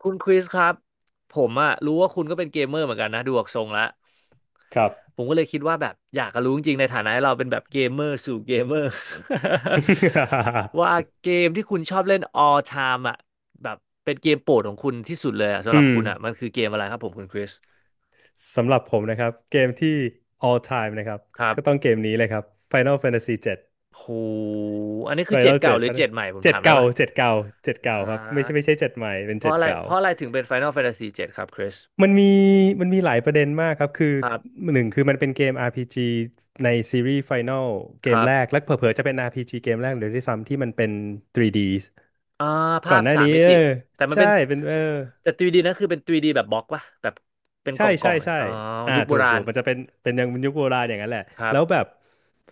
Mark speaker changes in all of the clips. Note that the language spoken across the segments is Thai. Speaker 1: คุณคริสครับผมอะรู้ว่าคุณก็เป็นเกมเมอร์เหมือนกันนะดูออกทรงแล้ว
Speaker 2: ครับ
Speaker 1: ผมก็เลยคิดว่าแบบอยากจะรู้จริงๆในฐานะที่เราเป็นแบบเกมเมอร์สู่เกมเมอร์ ว่า เกมที่คุณชอบเล่น all time อะแบบเป็นเกมโปรดของคุณที่สุดเลยอะสำ
Speaker 2: อื
Speaker 1: หรับ
Speaker 2: ม
Speaker 1: คุณอะมันคือเกมอะไรครับผมคุณคริส
Speaker 2: สำหรับผมนะครับเกม
Speaker 1: อื
Speaker 2: ที่
Speaker 1: ม
Speaker 2: all time นะครับ
Speaker 1: ครั
Speaker 2: ก็ต้อง
Speaker 1: บ
Speaker 2: เกมนี้เลยครับ Final Fantasy 7
Speaker 1: โหอันนี้คือเจ็ด
Speaker 2: Final
Speaker 1: เก่า
Speaker 2: 7
Speaker 1: หรือเจ็
Speaker 2: Final
Speaker 1: ดใหม่ผม
Speaker 2: เจ็
Speaker 1: ถา
Speaker 2: ด
Speaker 1: มได้
Speaker 2: เก่า
Speaker 1: ปะ
Speaker 2: เจ็ดเก่าเจ็ดเก่า
Speaker 1: อ่า
Speaker 2: ครับไม่ใช่ไม่ใช่เจ็ดใหม่เป็น
Speaker 1: เพราะ
Speaker 2: เจ็ด
Speaker 1: อะไร
Speaker 2: เก่า
Speaker 1: เพราะอะไรถึงเป็น Final Fantasy เจ็ดครับคริส
Speaker 2: มันมีหลายประเด็นมากครับคือ
Speaker 1: ครับ
Speaker 2: หนึ่งคือมันเป็นเกม RPG ในซีรีส์ Final เก
Speaker 1: ค
Speaker 2: ม
Speaker 1: รั
Speaker 2: แรก
Speaker 1: บ
Speaker 2: และเผลอๆจะเป็น RPG เกมแรกเลยด้วยซ้ำที่มันเป็น 3D
Speaker 1: อ่า
Speaker 2: ก่
Speaker 1: ภา
Speaker 2: อ
Speaker 1: พ
Speaker 2: นหน้า
Speaker 1: สาม
Speaker 2: นี้
Speaker 1: มิติแต่มัน
Speaker 2: ใช่
Speaker 1: เป็น
Speaker 2: เป็น
Speaker 1: แต่ 3D นะคือเป็นทรีดีแบบบล็อกปะแบบเป็นก
Speaker 2: ใช่
Speaker 1: ล่องกล่อ
Speaker 2: ใช่
Speaker 1: งเลย
Speaker 2: ใช่
Speaker 1: อ๋อ
Speaker 2: อ่า
Speaker 1: ยุคโบ
Speaker 2: ถูก
Speaker 1: รา
Speaker 2: ถู
Speaker 1: ณ
Speaker 2: กมันจะเป็นยังยุคโบราณอย่างนั้นแหละ
Speaker 1: ครั
Speaker 2: แล้วแบ
Speaker 1: บ
Speaker 2: บ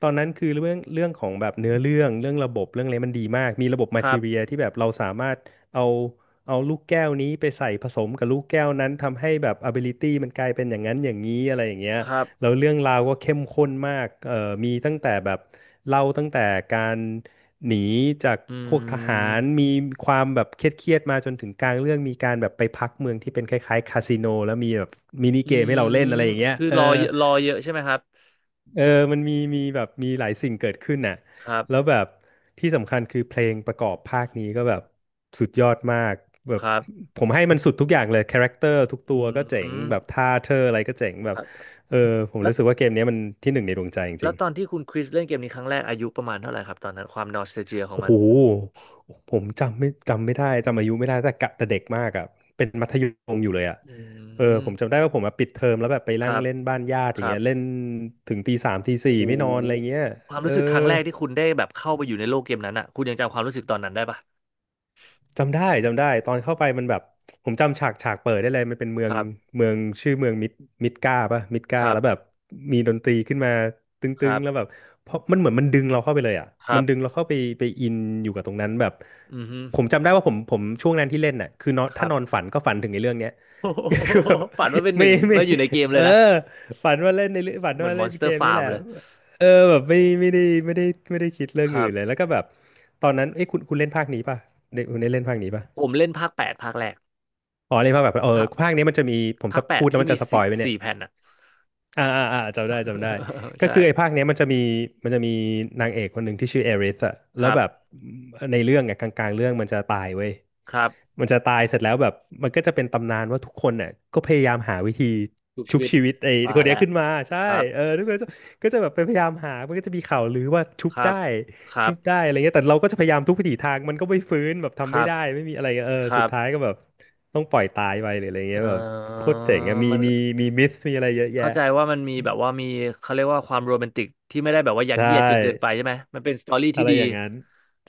Speaker 2: ตอนนั้นคือเรื่องของแบบเนื้อเรื่องเรื่องระบบเรื่องอะไรมันดีมาก มีระบบมา
Speaker 1: ครั
Speaker 2: ทีเรี
Speaker 1: บ
Speaker 2: ยที่แบบเราสามารถเอาลูกแก้วนี้ไปใส่ผสมกับลูกแก้วนั้นทำให้แบบ ability มันกลายเป็นอย่างนั้น อย่างนี้อะไรอย่างเงี้ย
Speaker 1: ครับ
Speaker 2: แล้วเรื่องราวก็เข้มข้นมากมีตั้งแต่แบบเล่าตั้งแต่การหนีจาก
Speaker 1: อื
Speaker 2: พวกทหาร มี
Speaker 1: ม
Speaker 2: ความแบบเครียดๆมาจนถึงกลางเรื่องมีการแบบไปพักเมืองที่เป็นคล้ายๆคาสิโนแล้วมีแบบมินิ
Speaker 1: อื
Speaker 2: เกมให้เรา
Speaker 1: ม
Speaker 2: เล่นอะไรอย่างเงี้ย
Speaker 1: คือ
Speaker 2: เออ
Speaker 1: รอเยอะใช่ไหมครับ
Speaker 2: เออมันมีแบบมีหลายสิ่งเกิดขึ้นน่ะ
Speaker 1: ครั
Speaker 2: แล้ว
Speaker 1: บ
Speaker 2: แบบที่สำคัญคือเพลงประกอบภาคนี้ก็แบบสุดยอดมากแบ
Speaker 1: ค
Speaker 2: บ
Speaker 1: รับ
Speaker 2: ผมให้มันสุดทุกอย่างเลยคาแรคเตอร์ทุกตั
Speaker 1: อื
Speaker 2: วก็เจ๋งแบบ
Speaker 1: ม
Speaker 2: ท่าเธออะไรก็เจ๋ง
Speaker 1: ค
Speaker 2: แบบ
Speaker 1: รับ
Speaker 2: เออผม
Speaker 1: แล้ว
Speaker 2: รู้สึกว่าเกมเนี้ยมันที่หนึ่งในดวงใจจ
Speaker 1: แล้ว
Speaker 2: ริง
Speaker 1: ตอนที่คุณคริสเล่นเกมนี้ครั้งแรกอายุประมาณเท่าไหร่ครับตอนนั้นความนอสเ a ลเจียข
Speaker 2: ๆ
Speaker 1: อง
Speaker 2: โอ้
Speaker 1: มั
Speaker 2: โห
Speaker 1: น
Speaker 2: ผมจำไม่จำไม่ได้จำอายุไม่ได้แต่กะแต่เด็กมากอ่ะเป็นมัธยมอยู่เลยอ่ะ
Speaker 1: อื
Speaker 2: เออผมจำ
Speaker 1: ม
Speaker 2: ได้ว่าผมมาปิดเทอมแล้วแบบไป
Speaker 1: ค
Speaker 2: นั่
Speaker 1: รั
Speaker 2: ง
Speaker 1: บ
Speaker 2: เล่นบ้านญาติ
Speaker 1: ค
Speaker 2: อย่าง
Speaker 1: รั
Speaker 2: เงี้ยเล่น
Speaker 1: บ
Speaker 2: ถึงตีสามตี
Speaker 1: โ
Speaker 2: สี่ไม่นอนอะไร
Speaker 1: ห
Speaker 2: เงี้ย
Speaker 1: ความ
Speaker 2: เอ
Speaker 1: รู้
Speaker 2: อ
Speaker 1: สึกครั้งแรกที่คุณได้แบบเข้าไปอยู่ในโลกเกมนั้นอ่ะคุณยังจำความรู้สึกตอนนั้นได้ปะ
Speaker 2: จำได้จำได้ตอนเข้าไปมันแบบผมจำฉากเปิดได้เลยมันเป็นเมื
Speaker 1: ค
Speaker 2: อง
Speaker 1: รับ
Speaker 2: เมืองชื่อเมืองมิดกาปะมิด
Speaker 1: ค
Speaker 2: กา
Speaker 1: รั
Speaker 2: แล้วแบ
Speaker 1: บ
Speaker 2: บมีดนตรีขึ้นมาต
Speaker 1: ค
Speaker 2: ึ
Speaker 1: รั
Speaker 2: งๆแล้วแบบ
Speaker 1: บ
Speaker 2: เพราะมันเหมือนมันดึงเราเข้าไปเลยอ่ะ
Speaker 1: ครั
Speaker 2: มันดึง
Speaker 1: บ
Speaker 2: เราเข้าไปไปอินอยู่กับตรงนั้นแบบ
Speaker 1: อือฮึ
Speaker 2: ผมจำได้ว่าผมช่วงนั้นที่เล่นน่ะคือนอน
Speaker 1: ครั
Speaker 2: ถ้า
Speaker 1: บ
Speaker 2: นอนฝันก็ฝันถึงในเรื่องเนี้ย คือแบบ
Speaker 1: ฝันว่าเป็นห
Speaker 2: ไม่
Speaker 1: นึ่งว่าอยู่ในเกม
Speaker 2: เอ
Speaker 1: เล
Speaker 2: อ
Speaker 1: ยนะ
Speaker 2: ฝันว่าเล่นในเรื่องฝัน
Speaker 1: เหมือน
Speaker 2: ว่าเล่นเก
Speaker 1: Monster
Speaker 2: มนี้แห
Speaker 1: Farm
Speaker 2: ละ
Speaker 1: เลย
Speaker 2: เออแบบไม่ไม่ได้ไม่ได้คิดเรื่
Speaker 1: ค
Speaker 2: อง
Speaker 1: รั
Speaker 2: อื่นเลยแล้
Speaker 1: บ
Speaker 2: วก็แบบตอนนั้นเอ้ยคุณเล่นภาคนี้ป่ะ ได้คุณได้เล่นภาคนี้ปะ
Speaker 1: ผมเล่นภาคแปดภาคแรก
Speaker 2: อ๋อ เล่นภาคแบบเออ
Speaker 1: ภาค
Speaker 2: ภาคนี้มันจะมี ผม
Speaker 1: ภา
Speaker 2: ส
Speaker 1: ค
Speaker 2: ป
Speaker 1: แป
Speaker 2: พู
Speaker 1: ด
Speaker 2: ดแล้ว
Speaker 1: ที่
Speaker 2: มัน
Speaker 1: มี
Speaker 2: จะสป
Speaker 1: สี่
Speaker 2: อยไปเนี่ย
Speaker 1: สี่แผ่นอ่ะ
Speaker 2: อ่าอ่าอ่าจำได้จำได้ ก็
Speaker 1: ใช่
Speaker 2: คือไอ้ภาคเนี้ยมันจะมีมันจะมีนางเอกคนหนึ่งที่ชื่อเอริสอะ
Speaker 1: ค
Speaker 2: แล้ว
Speaker 1: รั
Speaker 2: แบบ
Speaker 1: บ
Speaker 2: ในเรื่องอะกลางๆเรื่องมันจะตายเว้ย
Speaker 1: ครับ
Speaker 2: มันจะตายเสร็จแล้วแบบมันก็จะเป็นตำนานว่าทุกคนเนี่ยก็พยายามหาวิธี
Speaker 1: ทุก
Speaker 2: ชุ
Speaker 1: ชี
Speaker 2: บ
Speaker 1: วิต
Speaker 2: ชีวิตไอ้
Speaker 1: ว่า
Speaker 2: คนเนี้ย
Speaker 1: แล้ว
Speaker 2: ขึ้นมาใช่
Speaker 1: ครับ
Speaker 2: เออทุกคนก็จะแบบไปพยายามหามันก็จะมีข่าวลือว่าชุ
Speaker 1: ค
Speaker 2: บ
Speaker 1: รั
Speaker 2: ได้
Speaker 1: บ ครั
Speaker 2: ชุบได้
Speaker 1: บ
Speaker 2: อะไรเงี้ยแต่เราก็จะพยายามทุกวิถีทางมันก็ไม่ฟื้นแบบ
Speaker 1: ค
Speaker 2: ทำ
Speaker 1: รั
Speaker 2: ไม่
Speaker 1: บ
Speaker 2: ได้ไม่มีอะไรเงี้ยเออ
Speaker 1: ครั
Speaker 2: สุด
Speaker 1: บ
Speaker 2: ท้ายก็แบบต้องปล่อยตายไปหรืออะไรเงี้ย
Speaker 1: เอ่
Speaker 2: แบบโค
Speaker 1: อ
Speaker 2: ตรเจ๋งอะมี
Speaker 1: มัน
Speaker 2: มีมิสมีอะไรเยอะแยะ
Speaker 1: เข้าใจว่ามันมีแบบว่ามีเขาเรียกว่าความโรแมนติกที่ไม่ได้แบบว่ายั
Speaker 2: ใช
Speaker 1: ดเยียดจนเกินไป
Speaker 2: ่
Speaker 1: ใช่ไหมมันเป็นสตอรี่
Speaker 2: อะ
Speaker 1: ที่
Speaker 2: ไร
Speaker 1: ดี
Speaker 2: อย่างนั้น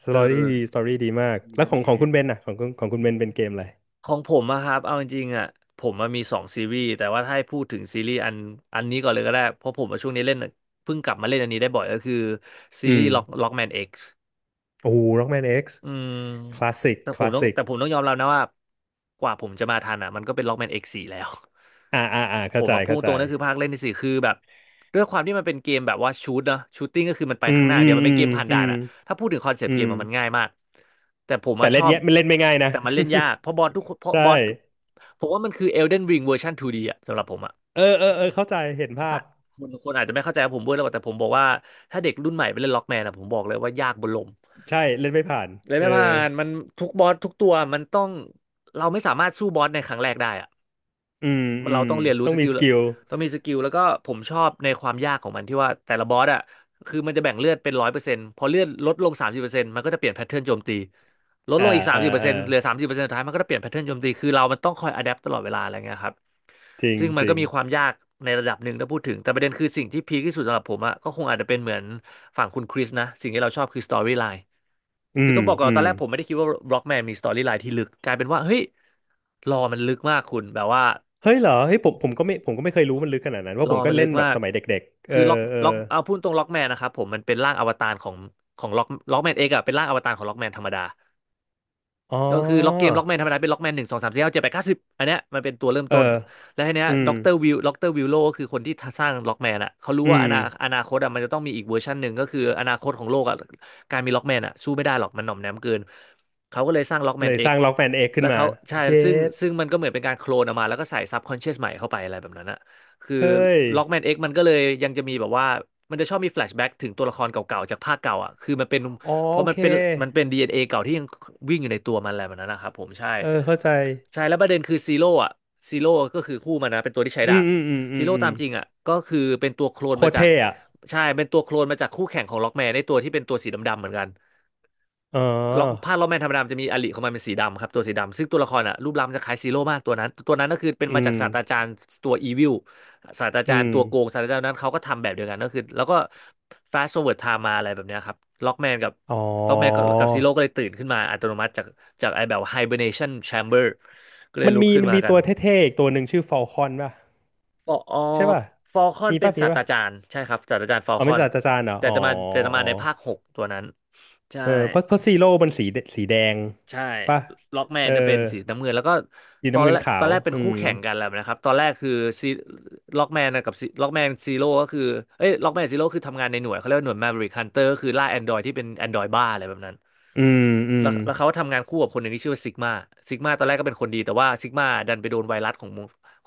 Speaker 2: ส
Speaker 1: เออ
Speaker 2: ตอรี่ดีสตอรี่ดีมาก
Speaker 1: ดี
Speaker 2: แล้ว
Speaker 1: นะ
Speaker 2: ของ
Speaker 1: ดีดี
Speaker 2: คุณเบนน่ะของคุณเบนเป็นเกมอะไร
Speaker 1: ของผมอะครับเอาจริงๆอะผมมันมีสองซีรีส์แต่ว่าถ้าให้พูดถึงซีรีส์อันนี้ก่อนเลยก็ได้เพราะผมว่าช่วงนี้เล่นเพิ่งกลับมาเล่นอันนี้ได้บ่อยก็คือซี
Speaker 2: อื
Speaker 1: รี
Speaker 2: ม
Speaker 1: ส์ Lockman X
Speaker 2: โอ้โห Rockman X
Speaker 1: อืม
Speaker 2: คลาสสิก
Speaker 1: แต่
Speaker 2: ค
Speaker 1: ผม
Speaker 2: ลาส
Speaker 1: ต้อง
Speaker 2: สิก
Speaker 1: แต่ผมต้องยอมรับนะว่ากว่าผมจะมาทันอ่ะมันก็เป็นล็อกแมนเอกซ์สี่แล้ว
Speaker 2: อ่าอ่าอ่า
Speaker 1: ผ
Speaker 2: เข้า
Speaker 1: ม
Speaker 2: ใจ
Speaker 1: มาพู
Speaker 2: เข้า
Speaker 1: ดต
Speaker 2: ใจ
Speaker 1: รงนั่นคือภาคเล่นที่สี่คือแบบด้วยความที่มันเป็นเกมแบบว่าชูตเนอะชูตติ้งก็คือมันไป
Speaker 2: อื
Speaker 1: ข้า
Speaker 2: ม
Speaker 1: งหน้าอ
Speaker 2: อื
Speaker 1: ย่างเดี
Speaker 2: ม
Speaker 1: ยวมัน
Speaker 2: อื
Speaker 1: เป็น
Speaker 2: ม
Speaker 1: เกมผ่าน
Speaker 2: อื
Speaker 1: ด่าน
Speaker 2: ม
Speaker 1: อะถ้าพูดถึงคอนเซป
Speaker 2: อื
Speaker 1: ต์เก
Speaker 2: ม
Speaker 1: มอะมันง่ายมากแต่ผม
Speaker 2: แต่
Speaker 1: อะช
Speaker 2: เล่น
Speaker 1: อบ
Speaker 2: เนี้ยมันเล่นไม่ง่ายนะ
Speaker 1: แต่มันเล่นยากเพราะบอสทุกคนเพ ราะ
Speaker 2: ใช่
Speaker 1: บอสผมว่ามันคือ Elden Ring เวอร์ชัน 2D อะสำหรับผมอะ
Speaker 2: เออเออเออเข้าใจเห็นภา
Speaker 1: ถ้า
Speaker 2: พ
Speaker 1: คนอาจจะไม่เข้าใจว่าผมพูดแล้วแต่ผมบอกว่าถ้าเด็กรุ่นใหม่ไปเล่นล็อกแมนอะผมบอกเลยว่ายากบนลม
Speaker 2: ใช่เล่นไม่ผ่าน
Speaker 1: เลย
Speaker 2: เออ
Speaker 1: ไม่ผ่านมันทุกบอสทุกตัวมันต้องเราไม่สามารถสู้บอสในครั้งแรกได้อะ
Speaker 2: อืมอื
Speaker 1: เรา
Speaker 2: ม
Speaker 1: ต้องเรียนรู้
Speaker 2: ต้อง
Speaker 1: ส
Speaker 2: มี
Speaker 1: กิล
Speaker 2: สกิล
Speaker 1: ต้องมีสกิลแล้วก็ผมชอบในความยากของมันที่ว่าแต่ละบอสอ่ะคือมันจะแบ่งเลือดเป็น100%พอเลือดลดลงสามสิบเปอร์เซ็นต์มันก็จะเปลี่ยนแพทเทิร์นโจมตีลดล
Speaker 2: อ่า
Speaker 1: งอีกสาม
Speaker 2: อ่า
Speaker 1: สิบเปอร์
Speaker 2: อ่า
Speaker 1: เซ็นต์เหลือสามสิบเปอร์เซ็นต์สุดท้ายมันก็จะเปลี่ยนแพทเทิร์นโจมตีคือเรามันต้องคอยอะแดปตลอดเวลาอะไรเงี้ยครับ
Speaker 2: จริง
Speaker 1: ซึ่งมั
Speaker 2: จ
Speaker 1: น
Speaker 2: ริ
Speaker 1: ก็
Speaker 2: ง
Speaker 1: มีความยากในระดับหนึ่งถ้าพูดถึงแต่ประเด็นคือสิ่งที่พีคที่สุดสำหรับผมอะก็คงอาจจะเป็นเหมือนฝั่งคุณคริสนะสิ่งที่เราชอบคือสตอรี่ไลน์
Speaker 2: อื
Speaker 1: คือ
Speaker 2: ม
Speaker 1: ต้องบอกก่อน
Speaker 2: อื
Speaker 1: ว่าตอ
Speaker 2: ม
Speaker 1: นแรกผมไม่ได้คิดว่าบล็อกแมนมีสตอรี่ไลน์ที่ลึกกลายเป็นว่าเฮ้ยรอมันลึกมากคุณแบบว่า
Speaker 2: เฮ้ยเหรอเฮ้ยผมก็ไม่ผมก็ไม่เคยรู้มันลึกขนาดนั้น
Speaker 1: ร
Speaker 2: ว่าะผ
Speaker 1: อ
Speaker 2: มก็
Speaker 1: มันลึ
Speaker 2: เล่
Speaker 1: ก
Speaker 2: นแบ
Speaker 1: มา
Speaker 2: บส
Speaker 1: ก
Speaker 2: มัยเด็กๆเอ
Speaker 1: คื
Speaker 2: อ
Speaker 1: อล็อก
Speaker 2: เออ
Speaker 1: ล็อกเอาพูดตรงล็อกแมนนะครับผมมันเป็นร่างอวตารของล็อกแมนเองอะเป็นร่างอวตารของล็อกแมนธรรมดา
Speaker 2: อ๋อ
Speaker 1: ก็คือล็อกเกมล็อกแมนธรรมดาเป็นล็อกแมนหนึ่งสองสามสี่ห้าเจ็ดแปดเก้าสิบอันเนี้ยมันเป็นตัวเริ่ม
Speaker 2: เออ
Speaker 1: ต้นแล้วทีเนี้ย
Speaker 2: อืม
Speaker 1: ด็อกเตอร์วิลโลก็คือคนที่สร้างล็อกแมนอ่ะเขารู้
Speaker 2: อื
Speaker 1: ว่า
Speaker 2: ม
Speaker 1: อนาคตอ่ะมันจะต้องมีอีกเวอร์ชันหนึ่งก็คืออนาคตของโลกอ่ะการมีล็อกแมนอ่ะสู้ไม่ได้หรอกมันหน่อมแนมเกินเขาก็เลยสร้างล็อกแม
Speaker 2: เล
Speaker 1: น
Speaker 2: ย
Speaker 1: เอ็
Speaker 2: ส
Speaker 1: ก
Speaker 2: ร้างล็อกแมนเอกขึ้
Speaker 1: แล้
Speaker 2: น
Speaker 1: ว
Speaker 2: มา
Speaker 1: เขาใช่
Speaker 2: เช
Speaker 1: ซึ่ง
Speaker 2: ด
Speaker 1: ซึ่งมันก็เหมือนเป็นการโคลนออกมาแล้วก็ใส่ซับคอนเชียสใหม่เข้าไปอะไรแบบนั้นอ่ะคือ
Speaker 2: เฮ้ย
Speaker 1: ล็อกแมนเอ็กมันก็เลยยังจะมีแบบว่ามันจะชอบมีแฟลชแบ็กถึงตัวละครเก่าๆจากภาคเก่าอ่ะคือมันเป็น
Speaker 2: อ๋อ
Speaker 1: เพราะ
Speaker 2: โอ
Speaker 1: มัน
Speaker 2: เค
Speaker 1: เป็นมันเป็น DNA เอ็นเอเก่าที่ยังวิ่งอยู่ในตัวมันอะไรแบบนั้นนะครับผมใช่
Speaker 2: เออเข้าใจ
Speaker 1: ใช่แล้วประเด็นคือซีโร่อะซีโร่ก็คือคู่มันนะเป็นตัวที่ใช้
Speaker 2: อื
Speaker 1: ดา
Speaker 2: ม
Speaker 1: บ
Speaker 2: อืมอืมอื
Speaker 1: ซี
Speaker 2: ม
Speaker 1: โร่
Speaker 2: อืม
Speaker 1: ตามจริงอะก็คือเป็นตัวโคลน
Speaker 2: โค
Speaker 1: มา
Speaker 2: ตร
Speaker 1: จาก
Speaker 2: เท่อะ
Speaker 1: ใช่เป็นตัวโคลนมาจากคู่แข่งของล็อกแมนในตัวที่เป็นตัวสีดำๆเหมือนกัน
Speaker 2: อ๋อ
Speaker 1: ล็อกแมนธรรมดามันจะมีอลิของมันเป็นสีดำครับตัวสีดำซึ่งตัวละครอ่ะรูปร่างมันจะคล้ายซีโร่มากตัวนั้นก็คือเป็น
Speaker 2: อื
Speaker 1: มาจาก
Speaker 2: ม
Speaker 1: ศาสตราจารย์ตัวอีวิลศาสตราจา
Speaker 2: อื
Speaker 1: รย์
Speaker 2: ม
Speaker 1: ตัวโกงศาสตราจารย์นั้นเขาก็ทำแบบเดียวกันก็คือแล้วก็ fast forward time มาอะไรแบบเนี้ยครับล็อกแมนกับ
Speaker 2: อ๋อ
Speaker 1: ล็อกแมนก็ับซีโร่ก็เลยตื่นขึ้นมาอัตโนมัติจากจากไอแบบ hibernation chamber ก็เลย
Speaker 2: มัน
Speaker 1: ลุก
Speaker 2: มี
Speaker 1: ขึ้นมากัน
Speaker 2: ตัวเท่ๆอีกตัวหนึ่งชื่อฟอลคอนป่ะ
Speaker 1: ฟออ
Speaker 2: ใช่ป่ะ
Speaker 1: ฟอลคอน
Speaker 2: มี
Speaker 1: เป็น
Speaker 2: ป่ะมี
Speaker 1: ศาสต
Speaker 2: ป่ะ
Speaker 1: ราจารย์ใช่ครับศาสตราจารย์ฟอล
Speaker 2: อ๋อ
Speaker 1: ค
Speaker 2: เป็
Speaker 1: อ
Speaker 2: น
Speaker 1: น
Speaker 2: จ่าจาจานเหรอ
Speaker 1: แต่
Speaker 2: อ๋อ
Speaker 1: จะมาแต่จะ
Speaker 2: อ๋
Speaker 1: มา
Speaker 2: อ
Speaker 1: ในภาคหกตัวนั้นใช่
Speaker 2: เออเพราะซีโร่มันสีแดง
Speaker 1: ใช่
Speaker 2: ป่ะ
Speaker 1: ล็อกแม
Speaker 2: เอ
Speaker 1: น
Speaker 2: อ
Speaker 1: จะเป็นสีน้ำเงินแล้วก็
Speaker 2: สี
Speaker 1: ตอ
Speaker 2: น้ำ
Speaker 1: น
Speaker 2: เงิ
Speaker 1: แร
Speaker 2: น
Speaker 1: ก
Speaker 2: ขา
Speaker 1: ตอน
Speaker 2: ว
Speaker 1: แรกเป็น
Speaker 2: อื
Speaker 1: คู่
Speaker 2: ม
Speaker 1: แข่งกันแล้วนะครับตอนแรกคือซีล็อกแมนกับล็อกแมนซีโร่ก็คือเอ้ยล็อกแมนซีโร่คือทำงานในหน่วยเขาเรียกว่าหน่วยแมวริกฮันเตอร์ก็คือล่าแอนดรอยที่เป็นแอนดรอยบ้าอะไรแบบนั้น
Speaker 2: อืมอื
Speaker 1: แล้
Speaker 2: ม
Speaker 1: วแล้วเขาทำงานคู่กับคนหนึ่งที่ชื่อว่าซิกมาซิกมาตอนแรกก็เป็นคนดีแต่ว่าซิกมาดันไปโดนไวรัสของ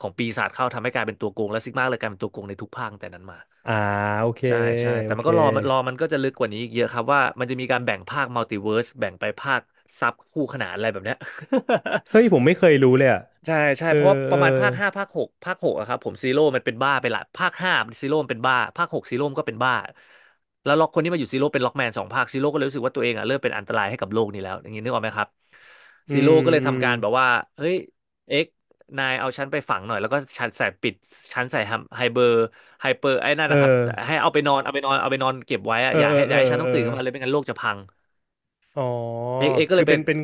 Speaker 1: ของปีศาจเข้าทำให้กลายเป็นตัวโกงและซิกมาเลยกลายเป็นตัวโกงในทุกภาคตั้งแต่นั้นมา
Speaker 2: อ่าโอเค
Speaker 1: ใช่ใช่แต่
Speaker 2: โอ
Speaker 1: มัน
Speaker 2: เค
Speaker 1: ก็รอมันก็จะลึกกว่านี้อีกเยอะครับว่ามันจะมีการแบ่งภาคมัลติเวิร์สแบ่งไปภาคซับคู่ขนานอะไรแบบเนี้ย
Speaker 2: เฮ้ย ผมไม่เคยรู้เลยอ่ะ
Speaker 1: ใช่ใช่
Speaker 2: เออ
Speaker 1: เพราะว่าป
Speaker 2: เออ
Speaker 1: ระมาณภาคห้าภาคหกภาคหกอะครับผมซีโร่มันเป็นบ้าไปละภาคห้าซีโร่มันเป็นบ้าภาคหกซีโร่มันก็เป็นบ้าแล้วล็อกคนที่มาอยู่ซีโร่เป็นล็อกแมนสองภาคซีโร่ก็เลยรู้สึกว่าตัวเองอะเริ่มเป็นอันตรายให้กับโลกนี้แล้วอย่างนี้นึกออกไหมครับ
Speaker 2: อื
Speaker 1: ซีโร่
Speaker 2: ม
Speaker 1: ก็เลย
Speaker 2: อืม
Speaker 1: ทำการแบบว่าเฮ้ยเอ็กนายเอาฉันไปฝังหน่อยแล้วก็ฉันใส่ไฮเบอร์ไฮเปอร์ไอ้นั่น
Speaker 2: เอ
Speaker 1: นะครับ
Speaker 2: อ
Speaker 1: ให้เอาไปนอนเอาไปนอนเอาไปนอนเก็บไว้อะ
Speaker 2: เออ
Speaker 1: อย่า
Speaker 2: เออ
Speaker 1: ให้อ
Speaker 2: เอ
Speaker 1: ย่า
Speaker 2: อ
Speaker 1: ให้ฉันต้อ
Speaker 2: เอ
Speaker 1: ง
Speaker 2: อ
Speaker 1: ตื่นขึ้นมาเลยไม่งั้นโลกจะพัง
Speaker 2: อ๋อ
Speaker 1: เอกก็เล
Speaker 2: คือ
Speaker 1: ยไป
Speaker 2: เป็น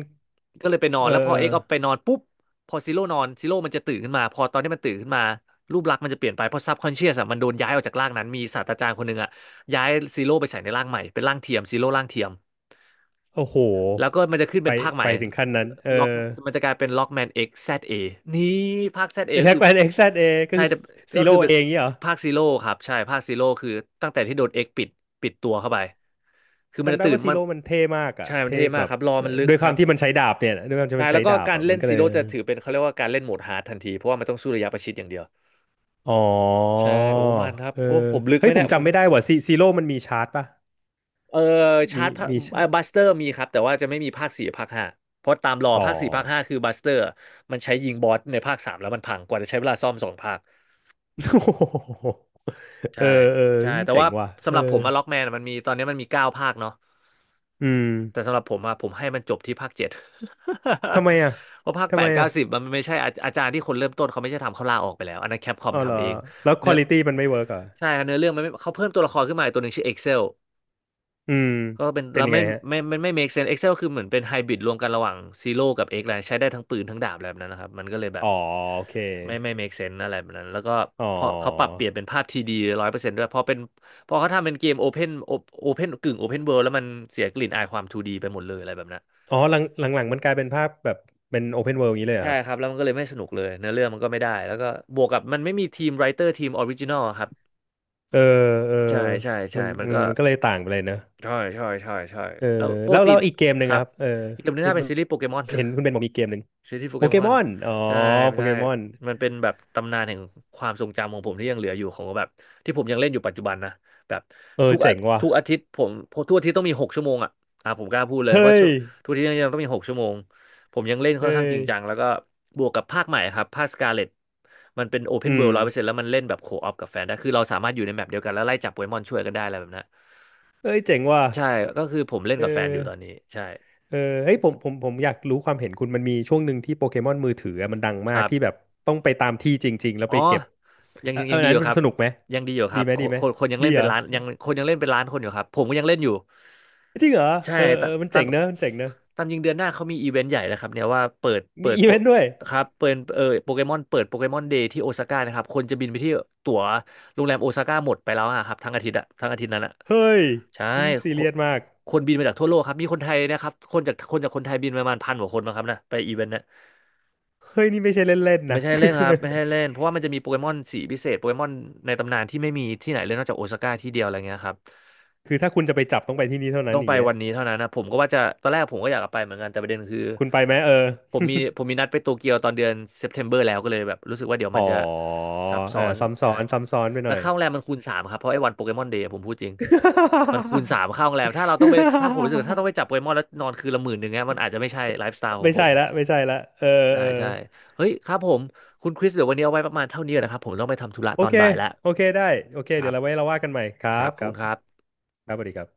Speaker 1: ก็เลยไปนอน
Speaker 2: เออ
Speaker 1: แล้วพ
Speaker 2: เอ
Speaker 1: อเอ
Speaker 2: อ
Speaker 1: กเอาไปนอนปุ๊บพอซีโร่นอนซีโร่มันจะตื่นขึ้นมาพอตอนที่มันตื่นขึ้นมารูปลักษณ์มันจะเปลี่ยนไปเพราะซับคอนเชียสอะมันโดนย้ายออกจากร่างนั้นมีศาสตราจารย์คนหนึ่งอะย้ายซีโร่ไปใส่ในร่างใหม่เป็นร่างเทียมซีโร่ร่างเทียม
Speaker 2: โอ้โห
Speaker 1: แล้วก็มันจะขึ้น
Speaker 2: ไป
Speaker 1: เป็นภาคใหม่
Speaker 2: ถึงขั้นนั้นเออ
Speaker 1: ล็อกมันจะกลายเป็นล็อกแมนเอ็กแซดเอนี่ภาคแซดเอก็
Speaker 2: แท็ก
Speaker 1: คือ
Speaker 2: แอนเอ็กซ์เอก็
Speaker 1: ใช่
Speaker 2: คือ
Speaker 1: แต่
Speaker 2: ซี
Speaker 1: ก็คื
Speaker 2: โร่
Speaker 1: อเป็น
Speaker 2: เองเงี้ยเหรอ
Speaker 1: ภาคซีโร่ครับใช่ภาคซีโร่คือตั้งแต่ที่โดนเอ็กปิดตัวเข้าไปคือมัน
Speaker 2: จำ
Speaker 1: จะ
Speaker 2: ได้
Speaker 1: ตื่น
Speaker 2: ว่าซี
Speaker 1: มัน
Speaker 2: โร่มันเท่มากอ่ะ
Speaker 1: ใช่มัน
Speaker 2: เท่
Speaker 1: เท่มา
Speaker 2: แบ
Speaker 1: ก
Speaker 2: บ
Speaker 1: ครับรอ
Speaker 2: เอ่อ
Speaker 1: มันลึก
Speaker 2: ด้วย
Speaker 1: ค
Speaker 2: ควา
Speaker 1: รั
Speaker 2: ม
Speaker 1: บ
Speaker 2: ที่มันใช้ดาบเนี่ยด้วยความที่
Speaker 1: ใช่
Speaker 2: มัน
Speaker 1: แล้
Speaker 2: ใช้
Speaker 1: วก็
Speaker 2: ดาบ
Speaker 1: การ
Speaker 2: อ่ะ
Speaker 1: เล่
Speaker 2: มั
Speaker 1: น
Speaker 2: นก็
Speaker 1: ซี
Speaker 2: เลย
Speaker 1: โร่จะถือเป็นเขาเรียกว่าการเล่นโหมดฮาร์ดทันทีเพราะว่ามันต้องสู้ระยะประชิดอย่างเดียว
Speaker 2: อ๋อ
Speaker 1: ใช่โอ้มันครับ
Speaker 2: เอ
Speaker 1: โอ้
Speaker 2: อ
Speaker 1: ผมลึกไห
Speaker 2: เฮ้
Speaker 1: ม
Speaker 2: ยผ
Speaker 1: เนี่
Speaker 2: ม
Speaker 1: ยผ
Speaker 2: จำ
Speaker 1: ม
Speaker 2: ไม่ได้ว่ะซีโร่มันมีชาร์จป่ะ
Speaker 1: เออชา
Speaker 2: มี
Speaker 1: ร์จ
Speaker 2: มีชาร์
Speaker 1: บั
Speaker 2: จ
Speaker 1: สเตอร์มีครับแต่ว่าจะไม่มีภาคสี่ภาคห้าเพราะตามรอ
Speaker 2: อ๋อ
Speaker 1: ภาคสี่ภาคห้าคือบัสเตอร์มันใช้ยิงบอสในภาคสามแล้วมันพังกว่าจะใช้เวลาซ่อมสองภาค
Speaker 2: โอ้โห
Speaker 1: ใช่
Speaker 2: เออเออ
Speaker 1: ใช่แต่
Speaker 2: เจ๋
Speaker 1: ว่า
Speaker 2: งว่ะ
Speaker 1: สำ
Speaker 2: เอ
Speaker 1: ห
Speaker 2: อ
Speaker 1: รับผมอะล็อกแมนมันมีตอนนี้มันมีเก้าภาคเนาะ
Speaker 2: อืม
Speaker 1: แต่สำหรับผมอะผมให้มันจบที่ภาคเจ็ด
Speaker 2: ทำไมอ่ะ
Speaker 1: เพราะภาคแป
Speaker 2: ทำไม
Speaker 1: ดเก้า
Speaker 2: อ่ะ
Speaker 1: สิบมันไม่ใช่อาจารย์ที่คนเริ่มต้นเขาไม่ใช่ทำเขาลาออกไปแล้วอันนั้นแคปคอม
Speaker 2: อ๋อเหรอ
Speaker 1: ทำเอง
Speaker 2: แล้วคว
Speaker 1: เนื้
Speaker 2: อ
Speaker 1: อ
Speaker 2: ลิตี้มันไม่เวิร์กเหรอ่ะ
Speaker 1: ใช่ครับเนื้อเรื่องมันไม่เขาเพิ่มตัวละครขึ้นมาอีกตัวหนึ่งชื่อ Excel
Speaker 2: อืม
Speaker 1: ก็เป็น
Speaker 2: เป็น
Speaker 1: แล้ว
Speaker 2: ยัง
Speaker 1: ไม่
Speaker 2: ไงฮะ
Speaker 1: ไม่ make sense Excel คือเหมือนเป็นไฮบริดรวมกันระหว่างซีโร่กับ X แล้วใช้ได้ทั้งปืนทั้งดาบอะไรแบบนั้นนะครับมันก็เลยแบบ
Speaker 2: อ๋อโอเค
Speaker 1: ไม่ make sense อะไรแบบนั้นแล้วก็
Speaker 2: อ๋อ
Speaker 1: พอเขาปรับเปลี่ยนเป็นภาพทีดีร้อยเปอร์เซ็นต์ด้วยพอเป็นพอเขาทำเป็นเกมโอเพนโอเพนกึ่งโอเพนเวิลด์แล้วมันเสียกลิ่นอายความทูดีไปหมดเลยอะไรแบบนั้น
Speaker 2: อ๋อหลังหลังๆมันกลายเป็นภาพแบบเป็นโอเพนเวิลด์อย่างนี้เลยเหรอ
Speaker 1: ใช่
Speaker 2: ครับ
Speaker 1: ครับแล้วมันก็เลยไม่สนุกเลยเนื้อเรื่องมันก็ไม่ได้แล้วก็บวกกับมันไม่มีทีมไรเตอร์ทีมออริจินอลครับ
Speaker 2: เออเออ
Speaker 1: ใช่ใช่ใช่
Speaker 2: มัน
Speaker 1: มันก็
Speaker 2: ก็เลยต่างไปเลยนะ
Speaker 1: ใช่ใช่ใช่ใช่
Speaker 2: เออ
Speaker 1: แล้วป
Speaker 2: แล้
Speaker 1: ก
Speaker 2: ว
Speaker 1: ติ
Speaker 2: อีกเกมห
Speaker 1: ค
Speaker 2: นึ่ง
Speaker 1: รั
Speaker 2: อะ
Speaker 1: บ
Speaker 2: ครับเออ
Speaker 1: อีกเรื่องหนึง
Speaker 2: เห็น
Speaker 1: น่าเป็นซีรีส์โปเกมอน
Speaker 2: คุณเบนบอกมีเกมหนึ่ง
Speaker 1: ซีรีส์โป
Speaker 2: โป
Speaker 1: เก
Speaker 2: เก
Speaker 1: มอ
Speaker 2: ม
Speaker 1: น
Speaker 2: อนอ๋อ
Speaker 1: ใช่
Speaker 2: โป
Speaker 1: ใช่
Speaker 2: เกมอน
Speaker 1: มันเป็นแบบตำนานแห่งความทรงจำของผมที่ยังเหลืออยู่ของแบบที่ผมยังเล่นอยู่ปัจจุบันนะแบบ
Speaker 2: เออ
Speaker 1: ทุกอา
Speaker 2: เจ๋งว่ะ
Speaker 1: ทุกอาทิตย์ผมทุกอาทิตย์ต้องมีหกชั่วโมงอ่ะผมกล้าพูดเลย
Speaker 2: เฮ้
Speaker 1: ว่าชั่
Speaker 2: ย
Speaker 1: วทุกอาทิตย์ยังต้องมีหกชั่วโมงผมยังเล่นค่
Speaker 2: เฮ้
Speaker 1: อนข้างจริ
Speaker 2: ย
Speaker 1: งจังแล้วก็บวกกับภาคใหม่ครับภาคสกาเลตมันเป็นโอเพ
Speaker 2: อื
Speaker 1: นเวิ
Speaker 2: ม
Speaker 1: ลด์ร้อยเปอร์เซ็นต์แล้วมันเล่นแบบโคออปกับแฟนได้คือเราสามารถอยู่ในแมปเดียวกันแล้วไล่จับโปเกมอนช่วยกันได้อะไรแบบนั้น
Speaker 2: เอ้ยเจ๋งว่ะ
Speaker 1: ใช่ก็คือผมเล่น
Speaker 2: เอ
Speaker 1: กับแฟนอยู่ตอนนี้
Speaker 2: อ
Speaker 1: ใช่
Speaker 2: เออเฮ้ยผมอยากรู้ความเห็นคุณมันมีช่วงหนึ่งที่โปเกมอนมือถืออะมันดัง
Speaker 1: ค
Speaker 2: มาก
Speaker 1: รั
Speaker 2: ที่แบ
Speaker 1: บ
Speaker 2: บต้องไปตามที่จริงๆแล้ว
Speaker 1: อ๋อ
Speaker 2: ไปเก็บ
Speaker 1: ยัง
Speaker 2: เออ
Speaker 1: ยัง
Speaker 2: เอ
Speaker 1: ยั
Speaker 2: อ
Speaker 1: ง
Speaker 2: อัน
Speaker 1: ดีอ
Speaker 2: นั้น
Speaker 1: ยู่
Speaker 2: มั
Speaker 1: ค
Speaker 2: น
Speaker 1: รับ
Speaker 2: สนุกไหม
Speaker 1: ยังดีอยู่ค
Speaker 2: ดี
Speaker 1: รับ
Speaker 2: ไหม
Speaker 1: ค
Speaker 2: ดี
Speaker 1: น
Speaker 2: ไหม
Speaker 1: คนคนยัง
Speaker 2: ดี
Speaker 1: เล่น
Speaker 2: เห
Speaker 1: เป็
Speaker 2: ร
Speaker 1: น
Speaker 2: อ
Speaker 1: ล้านยังคนยังเล่นเป็นล้านคนอยู่ครับผมก็ยังเล่นอยู่
Speaker 2: จริงเหรอ
Speaker 1: ใช่
Speaker 2: เออเอ
Speaker 1: ตา
Speaker 2: อ
Speaker 1: ม
Speaker 2: มัน
Speaker 1: ตา
Speaker 2: เจ๋
Speaker 1: ม
Speaker 2: งเนอะมันเจ๋งเนอะ
Speaker 1: ตามยิงเดือนหน้าเขามีอีเวนต์ใหญ่นะครับเนี่ยว่าเปิดเปิ
Speaker 2: มี
Speaker 1: ด
Speaker 2: อี
Speaker 1: โป
Speaker 2: เวนต์ด้วย
Speaker 1: ครับเปิดโปเกมอนเปิดโปเกมอนเดย์ที่โอซาก้านะครับคนจะบินไปที่ตั๋วโรงแรมโอซาก้าหมดไปแล้วอะครับทั้งอาทิตย์อะทั้งอาทิตย์นั้นอะ
Speaker 2: เฮ้ย
Speaker 1: ใช่
Speaker 2: มึงซี
Speaker 1: ค
Speaker 2: เรี
Speaker 1: น
Speaker 2: ยสมาก
Speaker 1: คนบินมาจากทั่วโลกครับมีคนไทยนะครับคนจากคนจากคนไทยบินประมาณ1,000 กว่าคนมาครับนะไปอีเวนต์นะ
Speaker 2: เฮ้ยนี่ไม่ใช่เล่นๆ
Speaker 1: ไม่
Speaker 2: นะ
Speaker 1: ใช่เล่นครับไม่ใช่เล่นเพราะว่ามันจะมีโปเกมอนสีพิเศษโปเกมอนในตำนานที่ไม่มีที่ไหนเลยนอกจากโอซาก้าที่เดียวอะไรเงี้ยครับ
Speaker 2: คือถ้าคุณจะไปจับต้องไปที่นี่เท่านั้
Speaker 1: ต้
Speaker 2: น
Speaker 1: อง
Speaker 2: อ
Speaker 1: ไป
Speaker 2: ย่างเงี้ย
Speaker 1: วันนี้เท่านั้นนะผมก็ว่าจะตอนแรกผมก็อยากจะไปเหมือนกันแต่ประเด็นคือ
Speaker 2: คุณไปไหมเออ
Speaker 1: ผมมีนัดไปโตเกียวตอนเดือนเซปเทมเบอร์แล้วก็เลยแบบรู้สึกว่าเดี๋ยว
Speaker 2: อ๋
Speaker 1: มัน
Speaker 2: อ
Speaker 1: จะซับซ้
Speaker 2: อ่า
Speaker 1: อน
Speaker 2: ซ้ำซ้
Speaker 1: ใช่
Speaker 2: อนซ้ำซ้อนไปห
Speaker 1: แล้
Speaker 2: น่
Speaker 1: ว
Speaker 2: อย
Speaker 1: ค่าโรงแรมมันคูณสามครับเพราะไอ้วันโปเกมอนเดย์ผมพูดจริงมันคูณสามค่าโรงแรมถ้าเราต้องไปถ้าผมรู้สึกว่าถ้า ต้องไปจับโปเกมอนแล้วนอนคืนละ11,000เนี้ยมันอาจจะไม่ใช่ไลฟ์สไตล์ของ
Speaker 2: ไม่
Speaker 1: ผ
Speaker 2: ใช่
Speaker 1: ม
Speaker 2: ละไม่ใช่ละเออ
Speaker 1: ใช่
Speaker 2: เออ
Speaker 1: ใช่เฮ้ยครับผมคุณคริสเดี๋ยววันนี้เอาไว้ประมาณเท่านี้นะครับผมต้องไปทำธุระ
Speaker 2: โอ
Speaker 1: ตอน
Speaker 2: เค
Speaker 1: บ่ายแล้ว
Speaker 2: โอเคได้โอเค
Speaker 1: ค
Speaker 2: เดี๋
Speaker 1: รั
Speaker 2: ย
Speaker 1: บ
Speaker 2: วเราไว้เราว่ากันใหม่ครั
Speaker 1: ครั
Speaker 2: บ
Speaker 1: บขอ
Speaker 2: ค
Speaker 1: บ
Speaker 2: รั
Speaker 1: คุ
Speaker 2: บ
Speaker 1: ณครับ
Speaker 2: ครับสวัสดีครับ